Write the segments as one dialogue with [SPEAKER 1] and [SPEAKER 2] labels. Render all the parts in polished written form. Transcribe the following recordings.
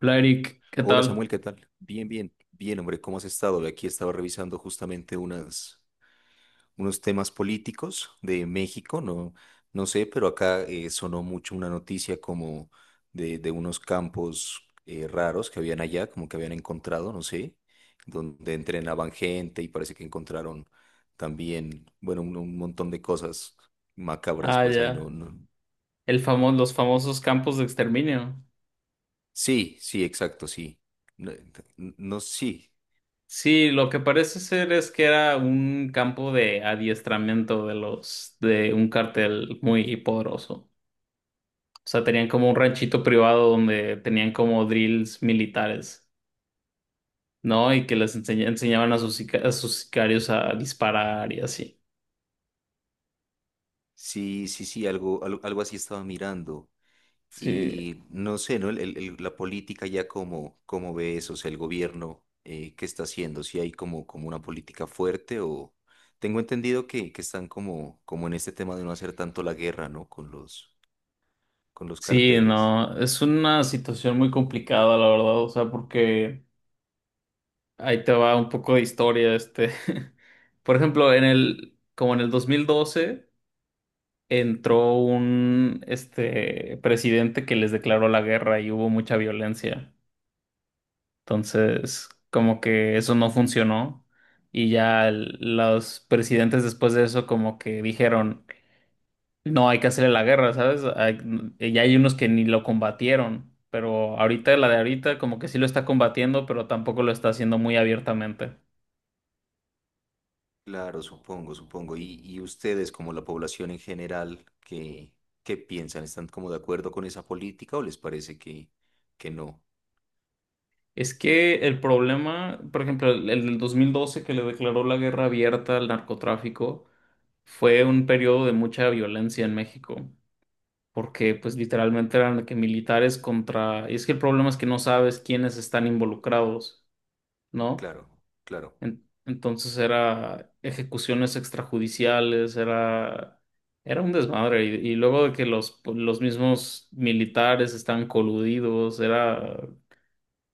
[SPEAKER 1] Hola Eric, ¿qué
[SPEAKER 2] Hola
[SPEAKER 1] tal?
[SPEAKER 2] Samuel, ¿qué tal? Bien, bien, bien, hombre, ¿cómo has estado? Aquí estaba revisando justamente unos temas políticos de México. No, no sé, pero acá sonó mucho una noticia como de unos campos raros que habían allá, como que habían encontrado, no sé, donde entrenaban gente y parece que encontraron también, bueno, un montón de cosas macabras,
[SPEAKER 1] Ah,
[SPEAKER 2] pues ahí no,
[SPEAKER 1] ya.
[SPEAKER 2] no.
[SPEAKER 1] Los famosos campos de exterminio.
[SPEAKER 2] Sí, sí, exacto, sí. No, no, no, sí.
[SPEAKER 1] Sí, lo que parece ser es que era un campo de adiestramiento de los de un cartel muy poderoso. O sea, tenían como un ranchito privado donde tenían como drills militares, ¿no? Y que enseñaban a a sus sicarios a disparar y así.
[SPEAKER 2] Sí, sí, sí, algo, algo, algo así estaba mirando.
[SPEAKER 1] Sí,
[SPEAKER 2] Y no sé, ¿no? La política ya como ve eso, o sea, el gobierno, ¿qué está haciendo? ¿Si hay como, una política fuerte o...? Tengo entendido que están como en este tema de no hacer tanto la guerra, ¿no? Con los,
[SPEAKER 1] sí,
[SPEAKER 2] carteles.
[SPEAKER 1] no, es una situación muy complicada, la verdad, o sea, porque ahí te va un poco de historia, este. Por ejemplo, como en el 2012 entró un, este, presidente que les declaró la guerra y hubo mucha violencia. Entonces, como que eso no funcionó y ya los presidentes después de eso como que dijeron, no hay que hacerle la guerra, ¿sabes? Y ya hay unos que ni lo combatieron, pero ahorita la de ahorita como que sí lo está combatiendo, pero tampoco lo está haciendo muy abiertamente.
[SPEAKER 2] Claro, supongo, supongo. Y ustedes, como la población en general, ¿qué piensan? ¿Están como de acuerdo con esa política, o les parece que no?
[SPEAKER 1] Es que el problema, por ejemplo, el del 2012, que le declaró la guerra abierta al narcotráfico, fue un periodo de mucha violencia en México, porque pues literalmente eran de que militares contra… Y es que el problema es que no sabes quiénes están involucrados, ¿no?
[SPEAKER 2] Claro, claro.
[SPEAKER 1] Entonces era ejecuciones extrajudiciales, era un desmadre. Y luego de que los mismos militares están coludidos, era…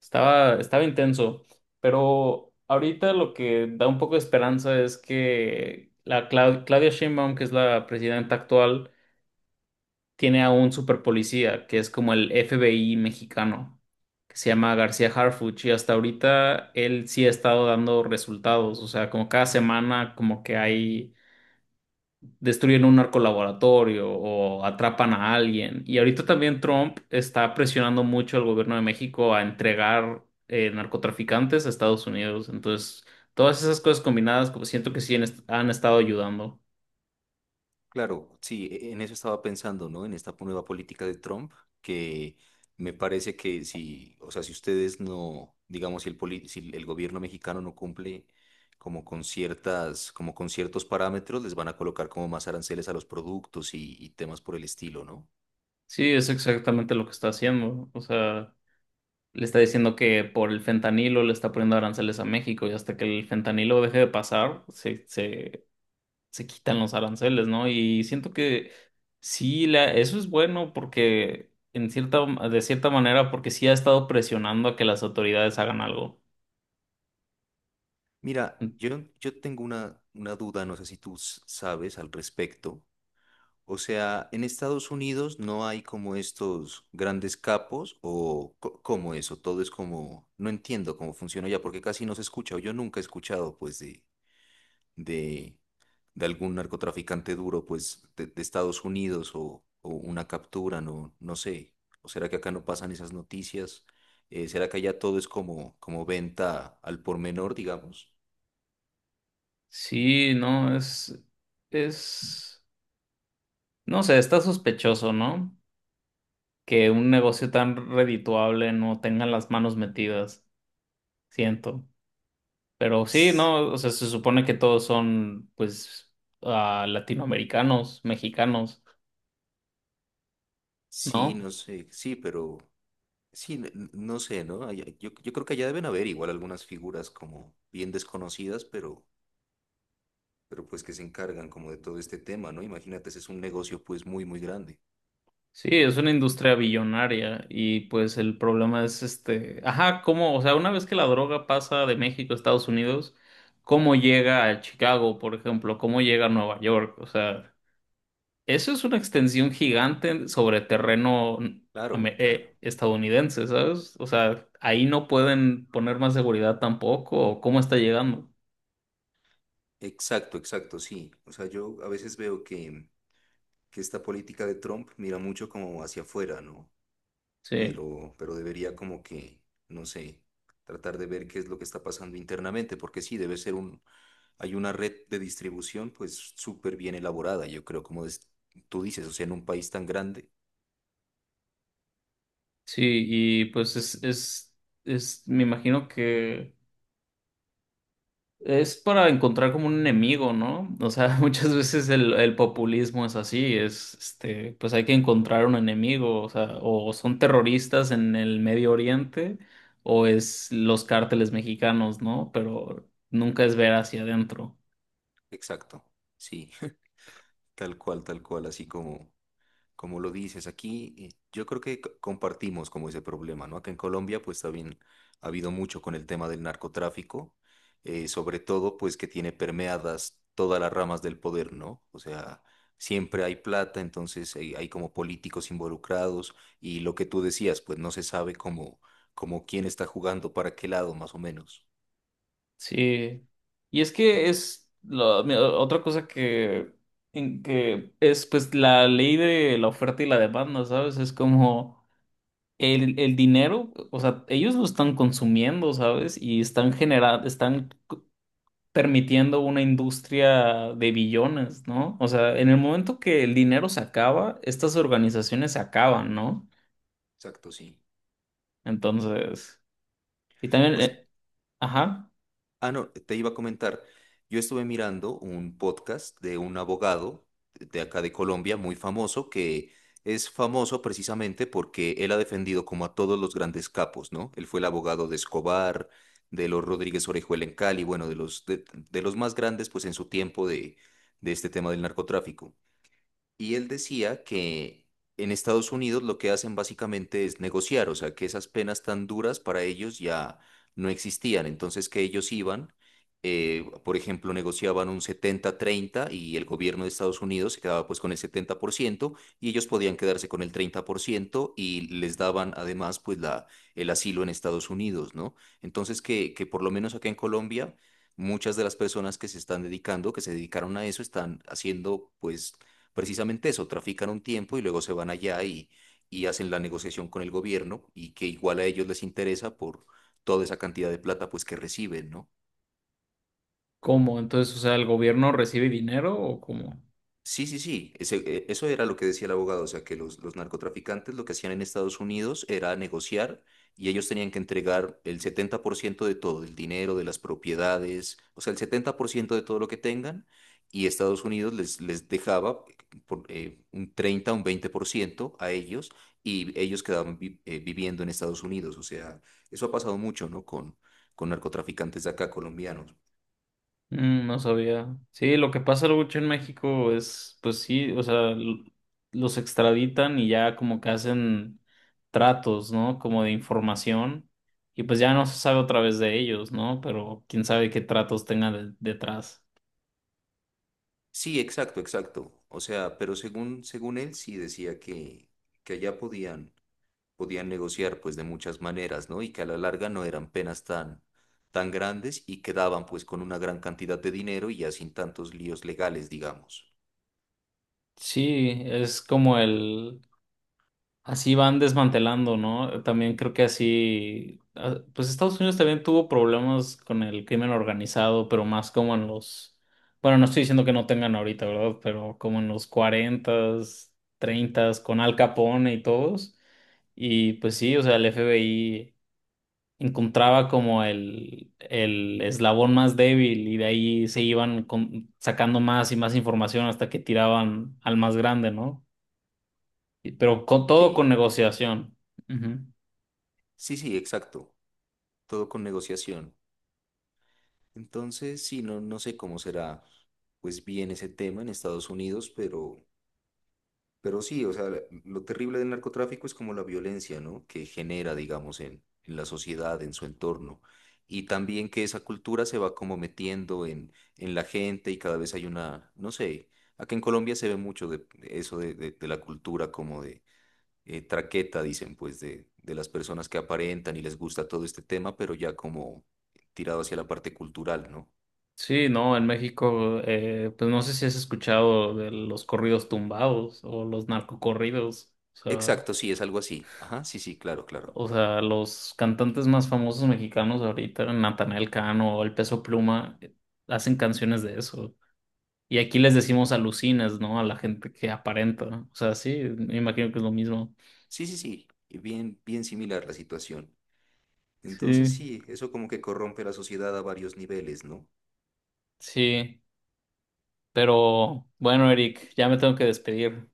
[SPEAKER 1] Estaba intenso, pero ahorita lo que da un poco de esperanza es que la Claudia Sheinbaum, que es la presidenta actual, tiene a un superpolicía, que es como el FBI mexicano, que se llama García Harfuch, y hasta ahorita él sí ha estado dando resultados, o sea, como cada semana como que hay destruyen un narcolaboratorio o atrapan a alguien. Y ahorita también Trump está presionando mucho al gobierno de México a entregar narcotraficantes a Estados Unidos. Entonces, todas esas cosas combinadas, como siento que sí han estado ayudando.
[SPEAKER 2] Claro, sí, en eso estaba pensando, ¿no? En esta nueva política de Trump, que me parece que si, o sea, si ustedes no, digamos, si el gobierno mexicano no cumple como con como con ciertos parámetros, les van a colocar como más aranceles a los productos y temas por el estilo, ¿no?
[SPEAKER 1] Sí, es exactamente lo que está haciendo. O sea, le está diciendo que por el fentanilo le está poniendo aranceles a México y hasta que el fentanilo deje de pasar, se se quitan los aranceles, ¿no? Y siento que sí, eso es bueno porque en cierta, de cierta manera, porque sí ha estado presionando a que las autoridades hagan algo.
[SPEAKER 2] Mira, yo tengo una duda, no sé si tú sabes al respecto. O sea, en Estados Unidos no hay como estos grandes capos o cómo eso, todo es como, no entiendo cómo funciona ya, porque casi no se escucha, o yo nunca he escuchado pues de, de algún narcotraficante duro pues de Estados Unidos o una captura, no, no sé. ¿O será que acá no pasan esas noticias? ¿Será que allá todo es como venta al por menor, digamos?
[SPEAKER 1] Sí, no, es, no sé, está sospechoso, ¿no? Que un negocio tan redituable no tenga las manos metidas, siento. Pero sí,
[SPEAKER 2] S-
[SPEAKER 1] no, o sea, se supone que todos son, pues, ah, latinoamericanos, mexicanos,
[SPEAKER 2] Sí,
[SPEAKER 1] ¿no?
[SPEAKER 2] no sé, sí, pero... Sí, no sé, ¿no? Yo creo que allá deben haber igual algunas figuras como bien desconocidas, pero pues que se encargan como de todo este tema, ¿no? Imagínate, ese es un negocio pues muy, muy grande.
[SPEAKER 1] Sí, es una industria billonaria y pues el problema es este, ajá, cómo, o sea, una vez que la droga pasa de México a Estados Unidos, ¿cómo llega a Chicago, por ejemplo? ¿Cómo llega a Nueva York? O sea, eso es una extensión gigante sobre terreno
[SPEAKER 2] Claro, claro.
[SPEAKER 1] estadounidense, ¿sabes? O sea, ahí no pueden poner más seguridad tampoco, ¿o cómo está llegando?
[SPEAKER 2] Exacto, exacto, sí. O sea, yo a veces veo que esta política de Trump mira mucho como hacia afuera, ¿no?
[SPEAKER 1] Sí,
[SPEAKER 2] Pero debería como que, no sé, tratar de ver qué es lo que está pasando internamente, porque sí, debe ser hay una red de distribución pues súper bien elaborada, yo creo, como tú dices, o sea, en un país tan grande.
[SPEAKER 1] sí, y pues me imagino que… Es para encontrar como un enemigo, ¿no? O sea, muchas veces el populismo es así, es, este, pues hay que encontrar un enemigo, o sea, o son terroristas en el Medio Oriente, o es los cárteles mexicanos, ¿no? Pero nunca es ver hacia adentro.
[SPEAKER 2] Exacto, sí. Tal cual, tal cual, así como lo dices aquí, yo creo que compartimos como ese problema, ¿no? Acá en Colombia, pues también ha habido mucho con el tema del narcotráfico, sobre todo, pues que tiene permeadas todas las ramas del poder, ¿no? O sea, siempre hay plata, entonces hay como políticos involucrados, y lo que tú decías, pues no se sabe cómo quién está jugando para qué lado, más o menos.
[SPEAKER 1] Sí. Y es que otra cosa que, en que es pues la ley de la oferta y la demanda, ¿sabes? Es como… El dinero, o sea, ellos lo están consumiendo, ¿sabes? Y están generando, permitiendo una industria de billones, ¿no? O sea, en el momento que el dinero se acaba, estas organizaciones se acaban, ¿no?
[SPEAKER 2] Exacto, sí.
[SPEAKER 1] Entonces, y también,
[SPEAKER 2] Pues,
[SPEAKER 1] ajá,
[SPEAKER 2] ah, no, te iba a comentar. Yo estuve mirando un podcast de un abogado de acá de Colombia muy famoso, que es famoso precisamente porque él ha defendido como a todos los grandes capos, ¿no? Él fue el abogado de Escobar, de los Rodríguez Orejuela en Cali, bueno, de los de los más grandes pues en su tiempo de este tema del narcotráfico. Y él decía que en Estados Unidos lo que hacen básicamente es negociar, o sea, que esas penas tan duras para ellos ya no existían. Entonces, que ellos iban, por ejemplo, negociaban un 70-30, y el gobierno de Estados Unidos se quedaba pues con el 70%, y ellos podían quedarse con el 30%, y les daban además pues el asilo en Estados Unidos, ¿no? Entonces, que por lo menos acá en Colombia... Muchas de las personas que se están dedicando, que se dedicaron a eso, están haciendo pues precisamente eso: trafican un tiempo y luego se van allá y hacen la negociación con el gobierno, y que igual a ellos les interesa por toda esa cantidad de plata pues que reciben, ¿no?
[SPEAKER 1] ¿cómo? Entonces, o sea, ¿el gobierno recibe dinero o cómo?
[SPEAKER 2] Sí, sí, sí, eso era lo que decía el abogado, o sea, que los narcotraficantes lo que hacían en Estados Unidos era negociar, y ellos tenían que entregar el 70% de todo, del dinero, de las propiedades, o sea, el 70% de todo lo que tengan, y Estados Unidos les dejaba por, un 30, un 20% a ellos, y ellos quedaban viviendo en Estados Unidos, o sea, eso ha pasado mucho, ¿no? Con narcotraficantes de acá, colombianos.
[SPEAKER 1] Mm, no sabía. Sí, lo que pasa mucho en México es, pues sí, o sea, los extraditan y ya como que hacen tratos, ¿no? Como de información, y pues ya no se sabe otra vez de ellos, ¿no? Pero quién sabe qué tratos tengan detrás.
[SPEAKER 2] Sí, exacto, exacto. O sea, pero según él sí decía que allá podían negociar pues de muchas maneras, ¿no? Y que a la larga no eran penas tan, tan grandes, y quedaban pues con una gran cantidad de dinero y ya sin tantos líos legales, digamos.
[SPEAKER 1] Sí, es como el, así van desmantelando, ¿no? También creo que así, ah, pues Estados Unidos también tuvo problemas con el crimen organizado, pero más como en bueno, no estoy diciendo que no tengan ahorita, ¿verdad? Pero como en los cuarentas, treintas, con Al Capone y todos. Y pues sí, o sea, el FBI encontraba como el eslabón más débil y de ahí se iban sacando más y más información hasta que tiraban al más grande, ¿no? Y, pero con todo con
[SPEAKER 2] Sí.
[SPEAKER 1] negociación. Ujú.
[SPEAKER 2] Sí, sí, exacto. Todo con negociación. Entonces, sí, no, no sé cómo será pues bien ese tema en Estados Unidos, pero... Pero sí, o sea, lo terrible del narcotráfico es como la violencia, ¿no? Que genera, digamos, en la sociedad, en su entorno. Y también que esa cultura se va como metiendo en la gente, y cada vez hay una, no sé, acá en Colombia se ve mucho de eso de, de la cultura como de traqueta, dicen, pues, de las personas que aparentan y les gusta todo este tema, pero ya como tirado hacia la parte cultural, ¿no?
[SPEAKER 1] Sí, no, en México, pues no sé si has escuchado de los corridos tumbados o los narcocorridos.
[SPEAKER 2] Exacto, sí, es algo así. Ajá, sí, sí, claro, claro.
[SPEAKER 1] O sea, los cantantes más famosos mexicanos ahorita, Natanael Cano o El Peso Pluma, hacen canciones de eso. Y aquí les decimos alucinas, ¿no? A la gente que aparenta. O sea, sí, me imagino que es lo mismo.
[SPEAKER 2] Sí, sí, sí, bien, bien similar la situación. Entonces
[SPEAKER 1] Sí.
[SPEAKER 2] sí, eso como que corrompe la sociedad a varios niveles, ¿no?
[SPEAKER 1] Sí, pero bueno, Eric, ya me tengo que despedir.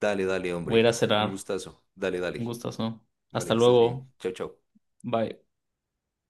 [SPEAKER 2] Dale, dale,
[SPEAKER 1] Voy a ir
[SPEAKER 2] hombre.
[SPEAKER 1] a
[SPEAKER 2] Un
[SPEAKER 1] cenar.
[SPEAKER 2] gustazo. Dale,
[SPEAKER 1] Un
[SPEAKER 2] dale.
[SPEAKER 1] gustazo.
[SPEAKER 2] Vale,
[SPEAKER 1] Hasta
[SPEAKER 2] que estés bien.
[SPEAKER 1] luego.
[SPEAKER 2] Chao, chao.
[SPEAKER 1] Bye.